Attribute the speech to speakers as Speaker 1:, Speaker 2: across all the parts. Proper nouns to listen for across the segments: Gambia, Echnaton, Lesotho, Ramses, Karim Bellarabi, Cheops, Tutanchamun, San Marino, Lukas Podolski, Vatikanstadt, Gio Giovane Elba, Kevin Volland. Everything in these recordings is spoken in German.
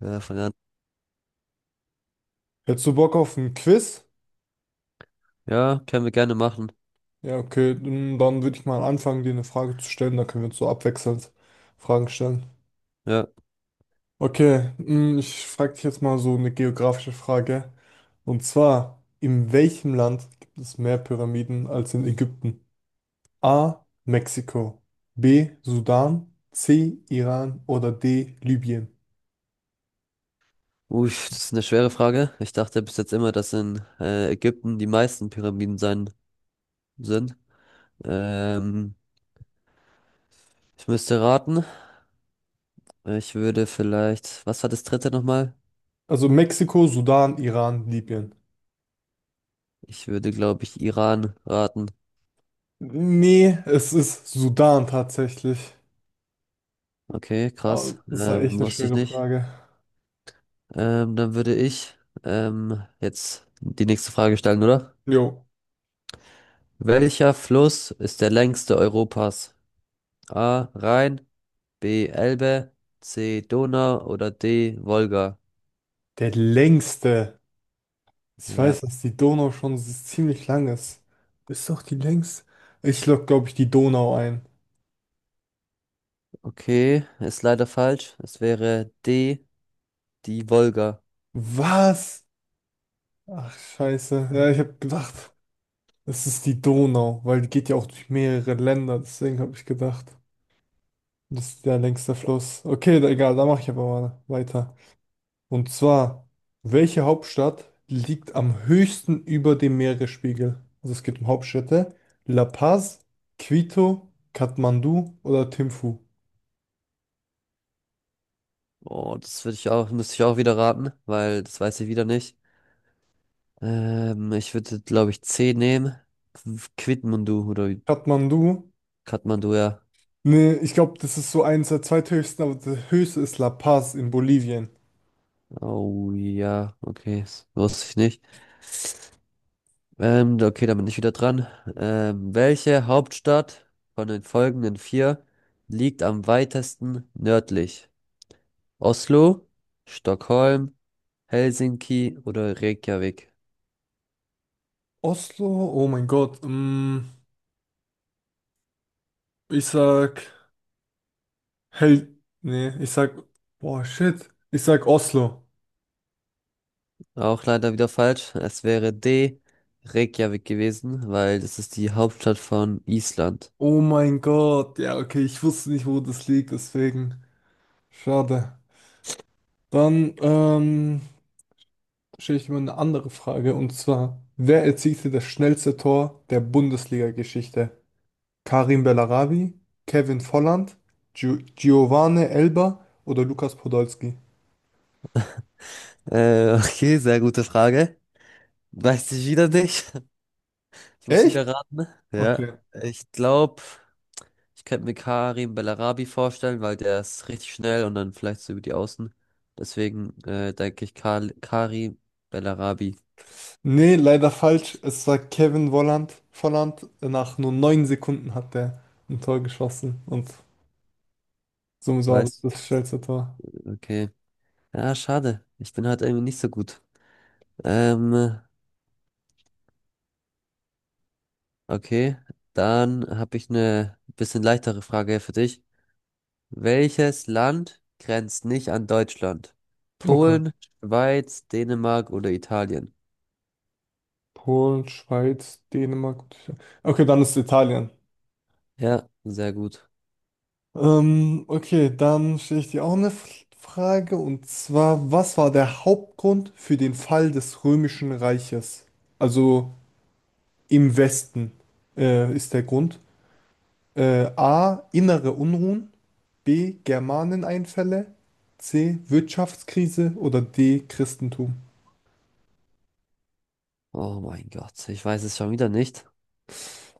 Speaker 1: Ja, verlernt.
Speaker 2: Hättest du Bock auf ein Quiz?
Speaker 1: Ja, können wir gerne machen.
Speaker 2: Ja, okay, dann würde ich mal anfangen, dir eine Frage zu stellen. Dann können wir uns so abwechselnd Fragen stellen.
Speaker 1: Ja.
Speaker 2: Okay, ich frage dich jetzt mal so eine geografische Frage. Und zwar, in welchem Land gibt es mehr Pyramiden als in Ägypten? A. Mexiko. B. Sudan. C. Iran. Oder D. Libyen.
Speaker 1: Ui, das ist eine schwere Frage. Ich dachte bis jetzt immer, dass in Ägypten die meisten Pyramiden sein sind. Ähm, ich müsste raten. Ich würde vielleicht, was war das dritte nochmal?
Speaker 2: Also Mexiko, Sudan, Iran, Libyen.
Speaker 1: Ich würde, glaube ich, Iran raten.
Speaker 2: Nee, es ist Sudan tatsächlich.
Speaker 1: Okay,
Speaker 2: Aber
Speaker 1: krass.
Speaker 2: das war echt eine
Speaker 1: Wusste ich
Speaker 2: schwere
Speaker 1: nicht.
Speaker 2: Frage.
Speaker 1: Dann würde ich jetzt die nächste Frage stellen, oder?
Speaker 2: Jo.
Speaker 1: Welcher Fluss ist der längste Europas? A. Rhein, B. Elbe, C. Donau oder D. Wolga.
Speaker 2: Der längste. Ich
Speaker 1: Ja,
Speaker 2: weiß, dass die Donau schon ziemlich lang ist. Ist doch die längste. Ich log, glaube ich, die Donau ein.
Speaker 1: okay, ist leider falsch. Es wäre D, die Wolga.
Speaker 2: Was? Ach, scheiße. Ja, ich habe gedacht, es ist die Donau, weil die geht ja auch durch mehrere Länder. Deswegen habe ich gedacht, das ist der längste Fluss. Okay, egal, da mache ich aber mal weiter. Und zwar, welche Hauptstadt liegt am höchsten über dem Meeresspiegel? Also es geht um Hauptstädte. La Paz, Quito, Kathmandu oder Thimphu?
Speaker 1: Oh, das würde ich auch, müsste ich auch wieder raten, weil das weiß ich wieder nicht. Ich würde, glaube ich, C nehmen. Quitmandu oder
Speaker 2: Kathmandu?
Speaker 1: Kathmandu, ja.
Speaker 2: Nee, ich glaube, das ist so eins der zweithöchsten, aber der höchste ist La Paz in Bolivien.
Speaker 1: Oh ja, okay, das wusste ich nicht. Okay, dann bin ich wieder dran. Welche Hauptstadt von den folgenden vier liegt am weitesten nördlich? Oslo, Stockholm, Helsinki oder Reykjavik.
Speaker 2: Oslo? Oh mein Gott. Ich sag Nee, Boah, shit. Ich sag Oslo.
Speaker 1: Auch leider wieder falsch. Es wäre D, Reykjavik gewesen, weil das ist die Hauptstadt von Island.
Speaker 2: Oh mein Gott. Ja, okay, ich wusste nicht, wo das liegt, deswegen. Schade. Dann stelle ich mir eine andere Frage, und zwar, wer erzielte das schnellste Tor der Bundesliga-Geschichte? Karim Bellarabi, Kevin Volland, Gio Giovane Elba oder Lukas Podolski.
Speaker 1: Okay, sehr gute Frage. Weiß ich wieder nicht. Ich muss
Speaker 2: Echt?
Speaker 1: wieder raten. Ja,
Speaker 2: Okay.
Speaker 1: ich glaube, ich könnte mir Karim Bellarabi vorstellen, weil der ist richtig schnell und dann vielleicht so über die Außen. Deswegen denke ich Karim Bellarabi.
Speaker 2: Nee, leider falsch. Es war Kevin Volland. Volland, nach nur 9 Sekunden hat der ein Tor geschossen und somit war das das
Speaker 1: Weißt
Speaker 2: schnellste Tor.
Speaker 1: du? Okay. Ja, schade. Ich bin halt irgendwie nicht so gut. Ähm, okay. Dann habe ich eine bisschen leichtere Frage für dich. Welches Land grenzt nicht an Deutschland?
Speaker 2: Okay.
Speaker 1: Polen, Schweiz, Dänemark oder Italien?
Speaker 2: Polen, Schweiz, Dänemark. Okay, dann ist Italien.
Speaker 1: Ja, sehr gut.
Speaker 2: Okay, dann stelle ich dir auch eine Frage und zwar, was war der Hauptgrund für den Fall des Römischen Reiches? Also im Westen ist der Grund. A. Innere Unruhen. B. Germaneneinfälle. C. Wirtschaftskrise. Oder D. Christentum.
Speaker 1: Oh mein Gott, ich weiß es schon wieder nicht.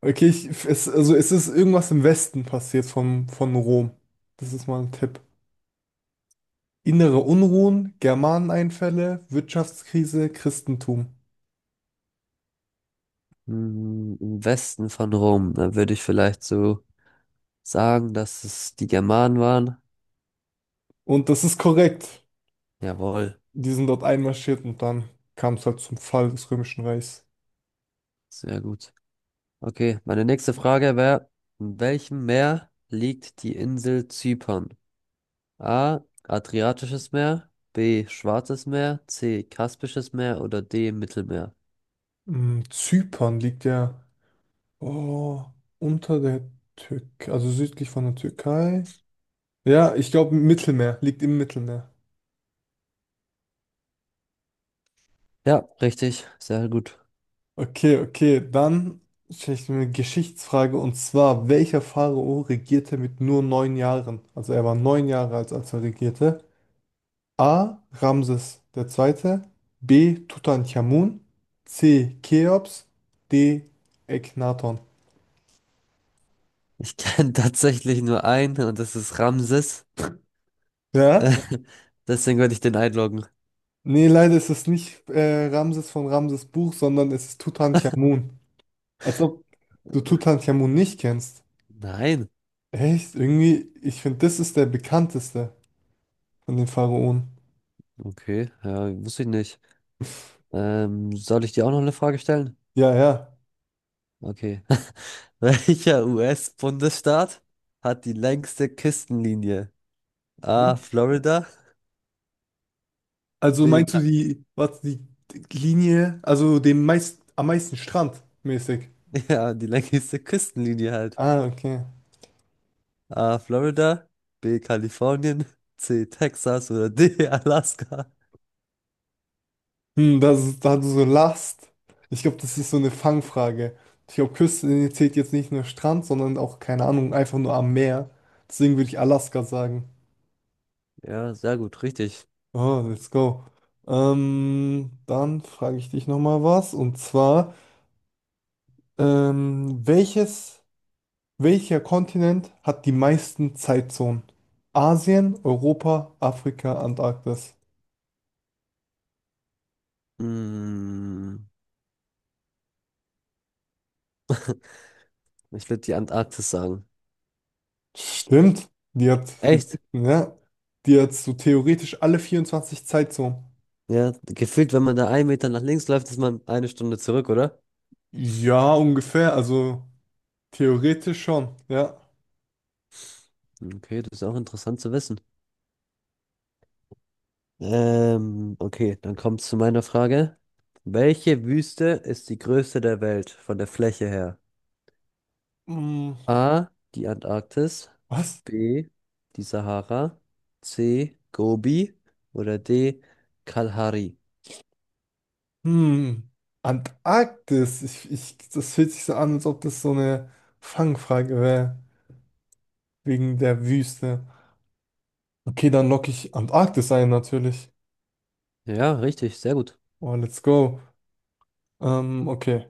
Speaker 2: Okay, also es ist irgendwas im Westen passiert von Rom. Das ist mal ein Tipp. Innere Unruhen, Germaneneinfälle, Wirtschaftskrise, Christentum.
Speaker 1: Hm, im Westen von Rom, da würde ich vielleicht so sagen, dass es die Germanen waren.
Speaker 2: Und das ist korrekt.
Speaker 1: Jawohl,
Speaker 2: Die sind dort einmarschiert und dann kam es halt zum Fall des Römischen Reichs.
Speaker 1: sehr gut. Okay, meine nächste Frage wäre, in welchem Meer liegt die Insel Zypern? A. Adriatisches Meer, B. Schwarzes Meer, C. Kaspisches Meer oder D. Mittelmeer?
Speaker 2: Zypern liegt ja. Oh, unter der Türkei, also südlich von der Türkei. Ja, ich glaube Mittelmeer, liegt im Mittelmeer.
Speaker 1: Ja, richtig, sehr gut.
Speaker 2: Okay, okay, dann stelle ich mir eine Geschichtsfrage und zwar, welcher Pharao regierte mit nur 9 Jahren? Also er war 9 Jahre alt, als er regierte. A. Ramses der Zweite, B. Tutanchamun, C. Cheops, D. Echnaton.
Speaker 1: Ich kenne tatsächlich nur einen und das ist Ramses.
Speaker 2: Ja?
Speaker 1: Äh, deswegen würde ich den einloggen.
Speaker 2: Nee, leider ist es nicht Ramses von Ramses Buch, sondern es ist Tutanchamun. Also du Tutanchamun nicht kennst.
Speaker 1: Nein,
Speaker 2: Echt? Irgendwie, ich finde, das ist der bekannteste von den Pharaonen.
Speaker 1: okay, ja, wusste ich nicht. Soll ich dir auch noch eine Frage stellen?
Speaker 2: Ja, ja.
Speaker 1: Okay. Welcher US-Bundesstaat hat die längste Küstenlinie? A.
Speaker 2: Nicht?
Speaker 1: Florida.
Speaker 2: Also
Speaker 1: B.
Speaker 2: meinst du
Speaker 1: Ka-
Speaker 2: die, was, die Linie, also den meist, am meisten Strand mäßig?
Speaker 1: Ja, die längste Küstenlinie halt.
Speaker 2: Ah, okay.
Speaker 1: A. Florida. B. Kalifornien. C. Texas oder D. Alaska.
Speaker 2: Hm, das ist, da du so Last. Ich glaube, das ist so eine Fangfrage. Ich glaube, Küste zählt jetzt nicht nur Strand, sondern auch, keine Ahnung, einfach nur am Meer. Deswegen würde ich Alaska sagen.
Speaker 1: Ja, sehr gut, richtig.
Speaker 2: Oh, let's go. Dann frage ich dich nochmal was. Und zwar. Ähm, welches, welcher Kontinent hat die meisten Zeitzonen? Asien, Europa, Afrika, Antarktis.
Speaker 1: Hm, ich würde die Antarktis sagen.
Speaker 2: Stimmt, die hat die
Speaker 1: Echt?
Speaker 2: meisten, ja. Die hat so theoretisch alle 24 Zeitzonen.
Speaker 1: Ja, gefühlt, wenn man da einen Meter nach links läuft, ist man eine Stunde zurück, oder?
Speaker 2: Ja, ungefähr, also theoretisch schon, ja.
Speaker 1: Okay, das ist auch interessant zu wissen. Okay, dann kommt zu meiner Frage. Welche Wüste ist die größte der Welt von der Fläche her?
Speaker 2: Hm,
Speaker 1: A. Die Antarktis.
Speaker 2: was?
Speaker 1: B. Die Sahara. C. Gobi. Oder D. Kalahari.
Speaker 2: Hm, Antarktis. Ich, das fühlt sich so an, als ob das so eine Fangfrage wäre, wegen der Wüste. Okay, dann locke ich Antarktis ein, natürlich.
Speaker 1: Ja, richtig, sehr gut.
Speaker 2: Oh, let's go. Okay,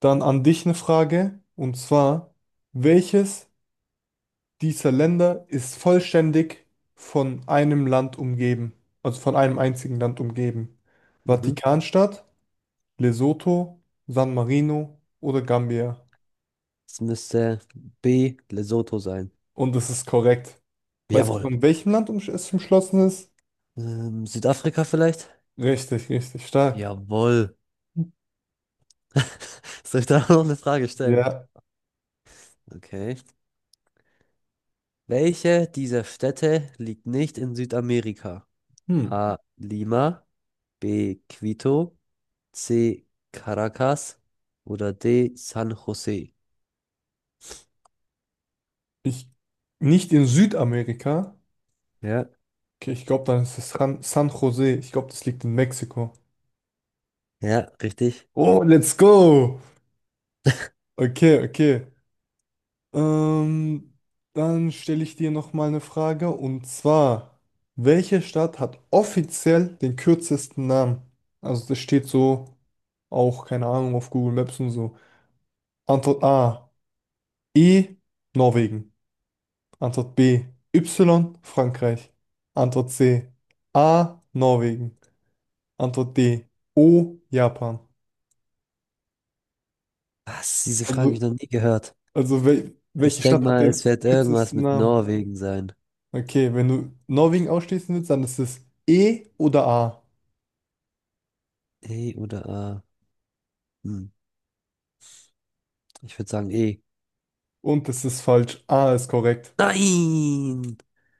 Speaker 2: dann an dich eine Frage. Und zwar, welches dieser Länder ist vollständig von einem Land umgeben? Also von einem einzigen Land umgeben?
Speaker 1: Mhm.
Speaker 2: Vatikanstadt, Lesotho, San Marino oder Gambia?
Speaker 1: Es müsste B. Lesotho sein.
Speaker 2: Und das ist korrekt. Weißt du,
Speaker 1: Jawohl.
Speaker 2: von welchem Land es umschlossen ist?
Speaker 1: Südafrika vielleicht?
Speaker 2: Richtig, richtig stark.
Speaker 1: Jawohl. Soll ich da noch eine Frage stellen?
Speaker 2: Ja.
Speaker 1: Okay. Welche dieser Städte liegt nicht in Südamerika?
Speaker 2: Hm.
Speaker 1: A. Lima, B. Quito, C. Caracas oder D. San Jose?
Speaker 2: Ich, nicht in Südamerika.
Speaker 1: Ja.
Speaker 2: Okay, ich glaube, dann ist es San Jose. Ich glaube, das liegt in Mexiko.
Speaker 1: Ja, richtig.
Speaker 2: Oh, let's go! Okay, okay. Ähm, dann stelle ich dir noch mal eine Frage und zwar, welche Stadt hat offiziell den kürzesten Namen? Also das steht so auch, keine Ahnung, auf Google Maps und so. Antwort A, E, Norwegen. Antwort B, Y, Frankreich. Antwort C, A, Norwegen. Antwort D, O, Japan.
Speaker 1: Was? Diese Frage habe ich
Speaker 2: Also
Speaker 1: noch nie gehört.
Speaker 2: Also wel
Speaker 1: Ich
Speaker 2: welche
Speaker 1: denke
Speaker 2: Stadt hat
Speaker 1: mal, es
Speaker 2: den
Speaker 1: wird irgendwas
Speaker 2: kürzesten
Speaker 1: mit
Speaker 2: Namen?
Speaker 1: Norwegen sein.
Speaker 2: Okay, wenn du Norwegen ausschließen willst, dann ist es E oder A.
Speaker 1: E oder A? Hm, ich würde sagen E.
Speaker 2: Und es ist falsch. A ist korrekt.
Speaker 1: Nein!